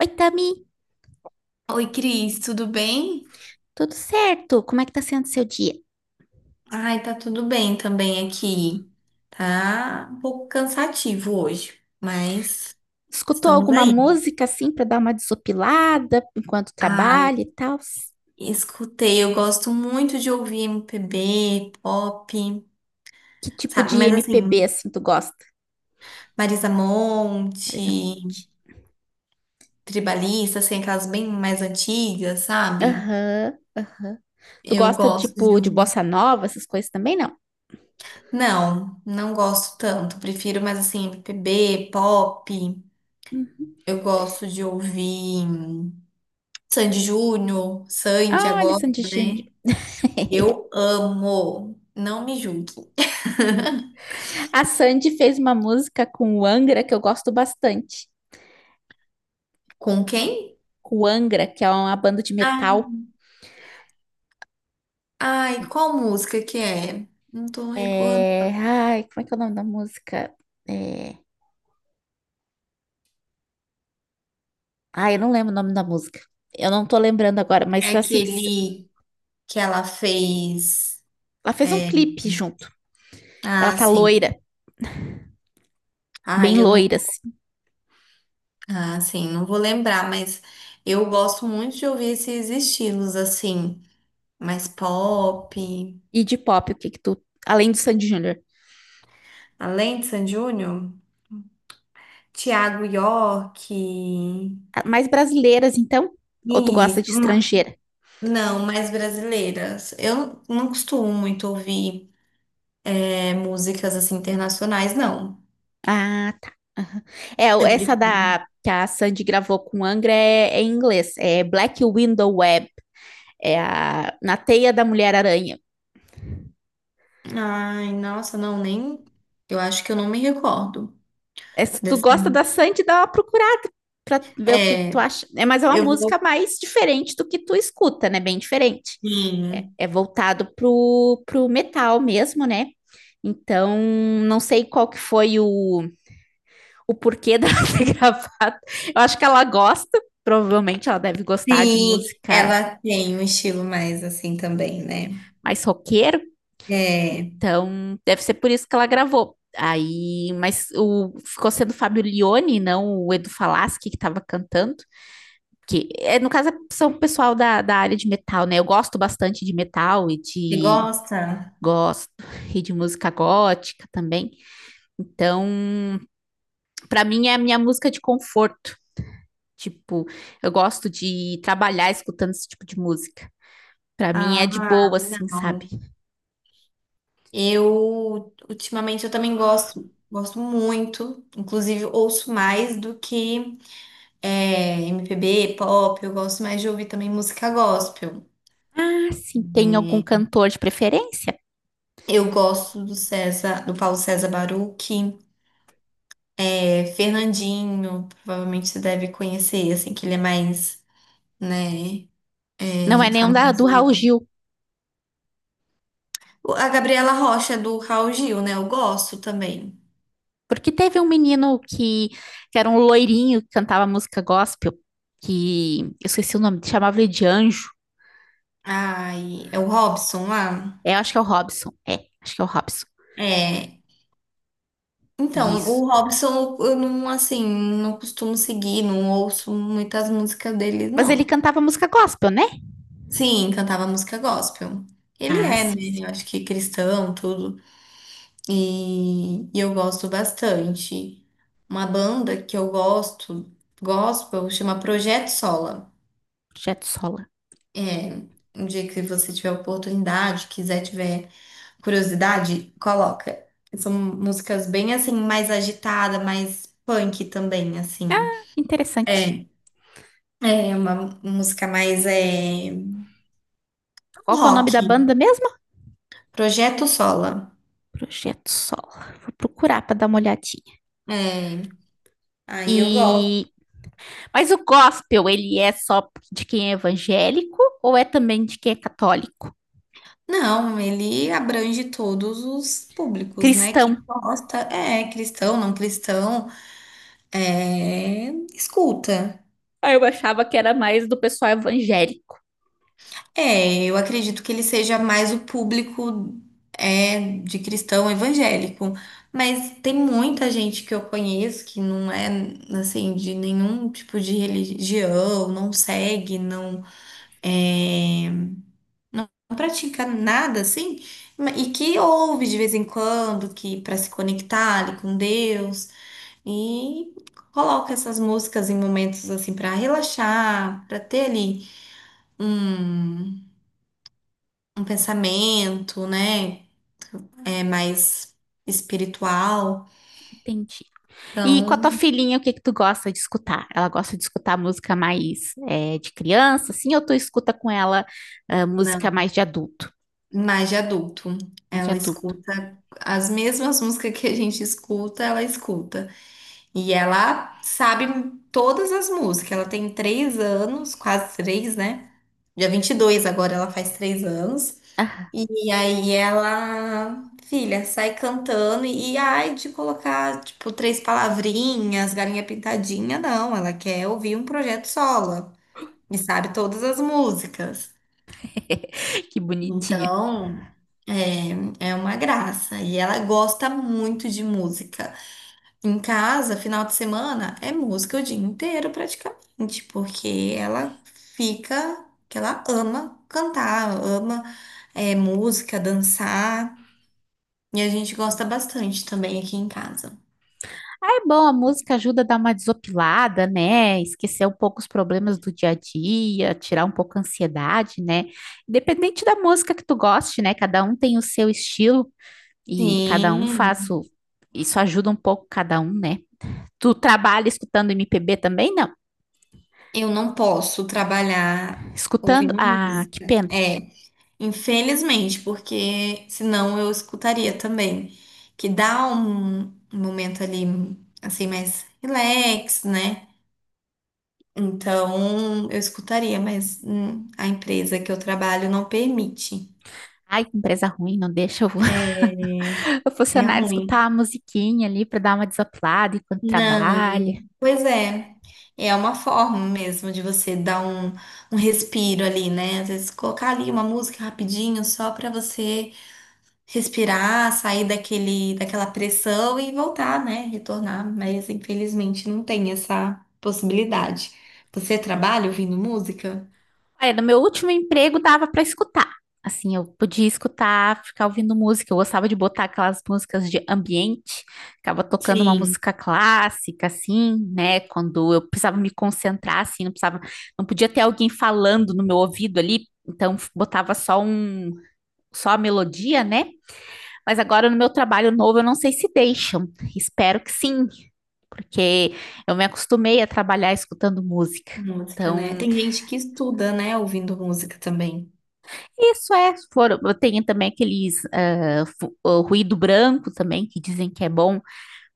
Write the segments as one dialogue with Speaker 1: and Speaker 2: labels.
Speaker 1: Oi, Tami,
Speaker 2: Oi, Cris, tudo bem?
Speaker 1: tudo certo? Como é que tá sendo seu dia?
Speaker 2: Ai, tá tudo bem também aqui. Tá um pouco cansativo hoje, mas
Speaker 1: Escutou
Speaker 2: estamos
Speaker 1: alguma
Speaker 2: aí.
Speaker 1: música assim para dar uma desopilada enquanto
Speaker 2: Ai,
Speaker 1: trabalha e tal?
Speaker 2: escutei, eu gosto muito de ouvir MPB, pop,
Speaker 1: Que tipo
Speaker 2: sabe?
Speaker 1: de
Speaker 2: Mas
Speaker 1: MPB
Speaker 2: assim,
Speaker 1: assim tu gosta?
Speaker 2: Marisa
Speaker 1: Marisa
Speaker 2: Monte,
Speaker 1: Monte.
Speaker 2: Tribalista, assim, aquelas bem mais antigas, sabe?
Speaker 1: Aham, aham. Tu
Speaker 2: Eu
Speaker 1: gosta
Speaker 2: gosto de
Speaker 1: tipo de
Speaker 2: ouvir.
Speaker 1: bossa nova, essas coisas também não?
Speaker 2: Não, não gosto tanto. Prefiro mais assim, MPB, pop.
Speaker 1: Hum.
Speaker 2: Eu gosto de ouvir. Sandy Júnior, Sandy
Speaker 1: Ah, olha,
Speaker 2: agora,
Speaker 1: Sandy Júnior.
Speaker 2: né? Eu amo. Não me julgue.
Speaker 1: A Sandy fez uma música com o Angra que eu gosto bastante.
Speaker 2: Com quem?
Speaker 1: Com o Angra, que é uma banda de
Speaker 2: Ah,
Speaker 1: metal.
Speaker 2: ai, qual música que é? Não tô recordando.
Speaker 1: Ai, como é que é o nome da música? É, Ah, eu não lembro o nome da música. Eu não tô lembrando agora,
Speaker 2: É
Speaker 1: mas assim, que se-
Speaker 2: aquele que ela fez.
Speaker 1: ela fez um
Speaker 2: é,
Speaker 1: clipe junto. Ela
Speaker 2: Ah,
Speaker 1: tá
Speaker 2: sim.
Speaker 1: loira, bem
Speaker 2: Ai, eu não.
Speaker 1: loira, assim.
Speaker 2: Ah, sim, não vou lembrar, mas eu gosto muito de ouvir esses estilos assim, mais pop.
Speaker 1: E de pop, o que que tu. Além do Sandy Júnior.
Speaker 2: Além de Sandy Júnior, Thiago York.
Speaker 1: Ah, mais brasileiras, então? Ou tu gosta
Speaker 2: Isso.
Speaker 1: de estrangeira?
Speaker 2: Não, mais brasileiras. Eu não costumo muito ouvir músicas assim internacionais, não.
Speaker 1: Ah, tá. É,
Speaker 2: Eu
Speaker 1: essa
Speaker 2: prefiro.
Speaker 1: da que a Sandy gravou com Angra é em inglês. É Black Window Web. É a Na Teia da Mulher-Aranha.
Speaker 2: Ai, nossa, não, nem. Eu acho que eu não me recordo
Speaker 1: Essa- tu
Speaker 2: dessa.
Speaker 1: gosta da Sandy, dá uma procurada para ver que
Speaker 2: É,
Speaker 1: tu acha. É, mas é uma
Speaker 2: eu
Speaker 1: música
Speaker 2: vou.
Speaker 1: mais diferente do que tu escuta, né? Bem diferente. É,
Speaker 2: Sim,
Speaker 1: é voltado pro metal mesmo, né? Então, não sei qual que foi o porquê dela ter gravado. Eu acho que ela gosta, provavelmente ela deve gostar de
Speaker 2: sim,
Speaker 1: música
Speaker 2: ela tem um estilo mais assim também, né?
Speaker 1: mais roqueiro,
Speaker 2: É,
Speaker 1: então deve ser por isso que ela gravou. Aí, mas o ficou sendo o Fábio Lione, não o Edu Falaschi que estava cantando. Que é, no caso são o pessoal da área de metal, né? Eu gosto bastante de metal e
Speaker 2: você
Speaker 1: de
Speaker 2: gosta?
Speaker 1: gosto e de música gótica também. Então, para mim é a minha música de conforto. Tipo, eu gosto de trabalhar escutando esse tipo de música. Para mim é
Speaker 2: Ah,
Speaker 1: de boa, assim, sabe?
Speaker 2: não. Eu, ultimamente, eu também gosto, gosto muito. Inclusive, ouço mais do que. É, MPB, pop, eu gosto mais de ouvir também música gospel.
Speaker 1: Ah, sim, tem algum
Speaker 2: É,
Speaker 1: cantor de preferência?
Speaker 2: eu gosto do César, do Paulo César Baruch, Fernandinho, provavelmente você deve conhecer, assim, que ele é mais, né,
Speaker 1: Não é nenhum do Raul
Speaker 2: famoso.
Speaker 1: Gil,
Speaker 2: A Gabriela Rocha do Raul Gil, né, eu gosto também.
Speaker 1: porque teve um menino que era um loirinho que cantava música gospel, que eu esqueci o nome, chamava ele de Anjo.
Speaker 2: Ai, é o Robson lá?
Speaker 1: É, eu acho que é o Robson. É, acho que é o Robson.
Speaker 2: É. Então,
Speaker 1: Isso.
Speaker 2: o Robson, eu não, assim, não costumo seguir, não ouço muitas músicas dele,
Speaker 1: Mas ele
Speaker 2: não.
Speaker 1: cantava música gospel, né?
Speaker 2: Sim, cantava música gospel. Ele
Speaker 1: Ah,
Speaker 2: é, né?
Speaker 1: sim, sim.
Speaker 2: Eu acho que cristão, tudo. E eu gosto bastante. Uma banda que eu gosto, gospel, chama Projeto Sola.
Speaker 1: Projeto Sola.
Speaker 2: É, um dia que você tiver oportunidade, quiser, tiver curiosidade, coloca. São músicas bem assim, mais agitada, mais punk também, assim.
Speaker 1: Interessante.
Speaker 2: É, é uma música mais
Speaker 1: Qual que é o nome
Speaker 2: rock.
Speaker 1: da banda mesmo?
Speaker 2: Projeto Sola.
Speaker 1: Projeto Sola. Vou procurar para dar uma olhadinha.
Speaker 2: É, aí eu gosto.
Speaker 1: E mas o gospel, ele é só de quem é evangélico ou é também de quem é católico?
Speaker 2: Não, ele abrange todos os públicos, né? Quem
Speaker 1: Cristão.
Speaker 2: gosta é cristão, não cristão, escuta.
Speaker 1: Aí eu achava que era mais do pessoal evangélico.
Speaker 2: É, eu acredito que ele seja mais o público de cristão evangélico, mas tem muita gente que eu conheço que não é assim de nenhum tipo de religião, não segue, não é, não pratica nada assim, e que ouve de vez em quando, que para se conectar ali com Deus. E coloca essas músicas em momentos assim para relaxar, para ter ali um, um pensamento, né? É mais espiritual.
Speaker 1: Entendi. E com a tua
Speaker 2: Então,
Speaker 1: filhinha, o que que tu gosta de escutar? Ela gosta de escutar música mais é, de criança, assim, ou tu escuta com ela ah,
Speaker 2: não,
Speaker 1: música mais de adulto?
Speaker 2: mais de adulto.
Speaker 1: Mais de
Speaker 2: Ela
Speaker 1: adulto.
Speaker 2: escuta as mesmas músicas que a gente escuta, ela escuta. E ela sabe todas as músicas. Ela tem 3 anos, quase três, né? Dia 22 agora ela faz 3 anos. E aí ela, filha, sai cantando ai de colocar, tipo, três palavrinhas, galinha pintadinha, não. Ela quer ouvir um projeto solo e sabe todas as músicas.
Speaker 1: Que bonitinha.
Speaker 2: Então, é, é uma graça. E ela gosta muito de música. Em casa, final de semana, é música o dia inteiro praticamente, porque ela fica, que ela ama cantar, ama, é, música, dançar. E a gente gosta bastante também aqui em casa.
Speaker 1: Ah, é bom, a música ajuda a dar uma desopilada, né? Esquecer um pouco os problemas do dia a dia, tirar um pouco a ansiedade, né? Independente da música que tu goste, né? Cada um tem o seu estilo e cada um faz
Speaker 2: Sim,
Speaker 1: o... Isso ajuda um pouco cada um, né? Tu trabalha escutando MPB também? Não.
Speaker 2: eu não posso trabalhar
Speaker 1: Escutando...
Speaker 2: ouvindo
Speaker 1: Ah, que
Speaker 2: música.
Speaker 1: pena.
Speaker 2: É, infelizmente, porque senão eu escutaria também. Que dá um momento ali, assim, mais relax, né? Então, eu escutaria, mas a empresa que eu trabalho não permite.
Speaker 1: Ai, que empresa ruim, não deixa
Speaker 2: É,
Speaker 1: o
Speaker 2: é
Speaker 1: funcionário escutar
Speaker 2: ruim.
Speaker 1: a musiquinha ali para dar uma desaplada enquanto
Speaker 2: Não.
Speaker 1: trabalha.
Speaker 2: Pois é, é uma forma mesmo de você dar um respiro ali, né? Às vezes colocar ali uma música rapidinho só para você respirar, sair daquele, daquela pressão e voltar, né? Retornar, mas infelizmente não tem essa possibilidade. Você trabalha ouvindo música?
Speaker 1: Olha, no meu último emprego dava para escutar. Assim, eu podia escutar, ficar ouvindo música. Eu gostava de botar aquelas músicas de ambiente, ficava tocando uma
Speaker 2: Sim,
Speaker 1: música clássica, assim, né? Quando eu precisava me concentrar, assim, não podia ter alguém falando no meu ouvido ali, então botava só um, só a melodia, né? Mas agora no meu trabalho novo, eu não sei se deixam. Espero que sim, porque eu me acostumei a trabalhar escutando música.
Speaker 2: música, né?
Speaker 1: Então,
Speaker 2: Tem gente que estuda, né, ouvindo música também.
Speaker 1: tem também aqueles o ruído branco também, que dizem que é bom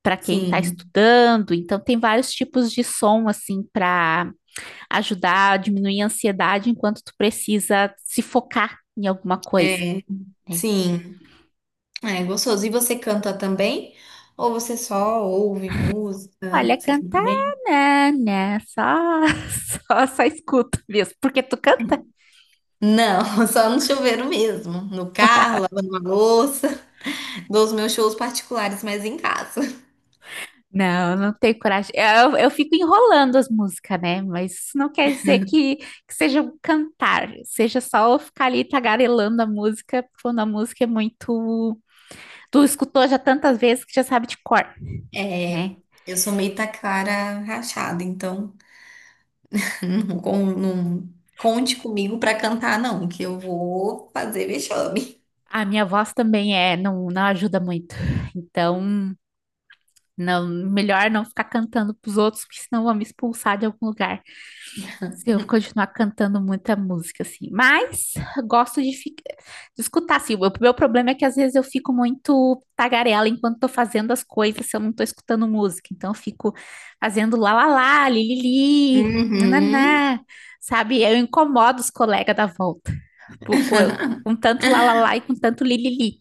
Speaker 1: para quem está
Speaker 2: Sim,
Speaker 1: estudando. Então, tem vários tipos de som, assim, para ajudar a diminuir a ansiedade enquanto tu precisa se focar em alguma coisa.
Speaker 2: é,
Speaker 1: Né?
Speaker 2: sim. Ah, é gostoso. E você canta também? Ou você só ouve música?
Speaker 1: Olha,
Speaker 2: Você canta
Speaker 1: cantar,
Speaker 2: bem?
Speaker 1: né, né, só, só escuto mesmo, porque tu canta?
Speaker 2: Não, só no chuveiro mesmo. No carro, lavando uma louça. Dou os meus shows particulares, mas em casa.
Speaker 1: Não, não tenho coragem, eu fico enrolando as músicas, né, mas isso não quer dizer que seja um cantar, seja só eu ficar ali tagarelando a música, quando a música é muito, tu escutou já tantas vezes que já sabe de cor, né?
Speaker 2: É, eu sou meio taquara rachada, então não, não conte comigo pra cantar, não, que eu vou fazer vexame.
Speaker 1: A minha voz também é, não, não ajuda muito, então, não, melhor não ficar cantando pros outros, porque senão vão me expulsar de algum lugar. Se eu continuar cantando muita música, assim. Mas gosto de escutar, assim. O meu problema é que às vezes eu fico muito tagarela enquanto tô fazendo as coisas, se eu não tô escutando música. Então eu fico fazendo lá, lá, lá, li, li, li,
Speaker 2: Uhum.
Speaker 1: nananá, sabe? Eu incomodo os colegas da volta por- com, com tanto lá, lá, lá e com tanto li, li, li.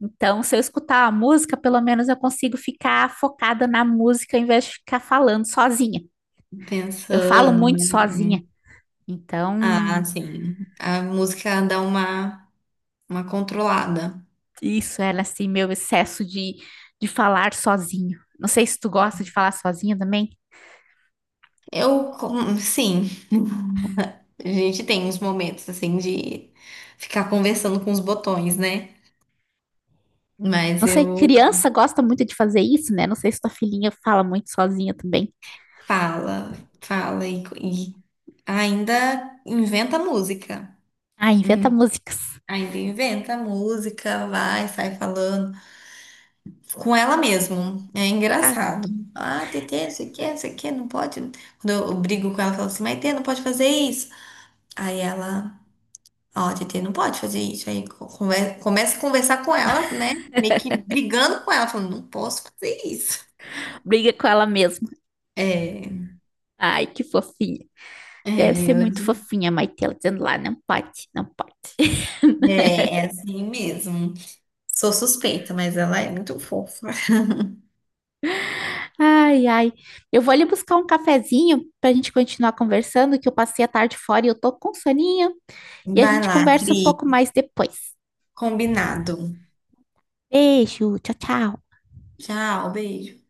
Speaker 1: Então, se eu escutar a música, pelo menos eu consigo ficar focada na música ao invés de ficar falando sozinha. Eu falo
Speaker 2: Pensando,
Speaker 1: muito
Speaker 2: né?
Speaker 1: sozinha. Então,
Speaker 2: Ah, sim. A música dá uma controlada.
Speaker 1: isso era assim, meu excesso de falar sozinho. Não sei se tu gosta de falar sozinha também.
Speaker 2: Eu, sim, a gente tem uns momentos assim de ficar conversando com os botões, né? Mas
Speaker 1: Não sei,
Speaker 2: eu
Speaker 1: criança gosta muito de fazer isso, né? Não sei se tua filhinha fala muito sozinha também.
Speaker 2: fala, fala e ainda inventa música.
Speaker 1: Ah, inventa
Speaker 2: Uhum.
Speaker 1: músicas.
Speaker 2: Ainda inventa música, vai, sai falando com ela mesmo. É
Speaker 1: Ah,
Speaker 2: engraçado. Ah, Tetê, não sei o que, não sei o que, não pode. Quando eu brigo com ela, eu falo assim, mas Tetê, não pode fazer isso. Aí ela. Ó, a TT não pode fazer isso. Aí começa a conversar com ela, né? Meio que brigando com ela, falando, não posso fazer isso.
Speaker 1: briga com ela mesma.
Speaker 2: É,
Speaker 1: Ai, que fofinha. Deve ser
Speaker 2: ela
Speaker 1: muito fofinha, a Maitela, dizendo lá, não pode, não pode.
Speaker 2: é assim mesmo. Sou suspeita, mas ela é muito fofa.
Speaker 1: Ai, ai. Eu vou ali buscar um cafezinho pra gente continuar conversando, que eu passei a tarde fora e eu tô com soninho. E a
Speaker 2: Vai
Speaker 1: gente
Speaker 2: lá,
Speaker 1: conversa um pouco
Speaker 2: Cris.
Speaker 1: mais depois.
Speaker 2: Combinado.
Speaker 1: Beijo, tchau, tchau.
Speaker 2: Tchau, beijo.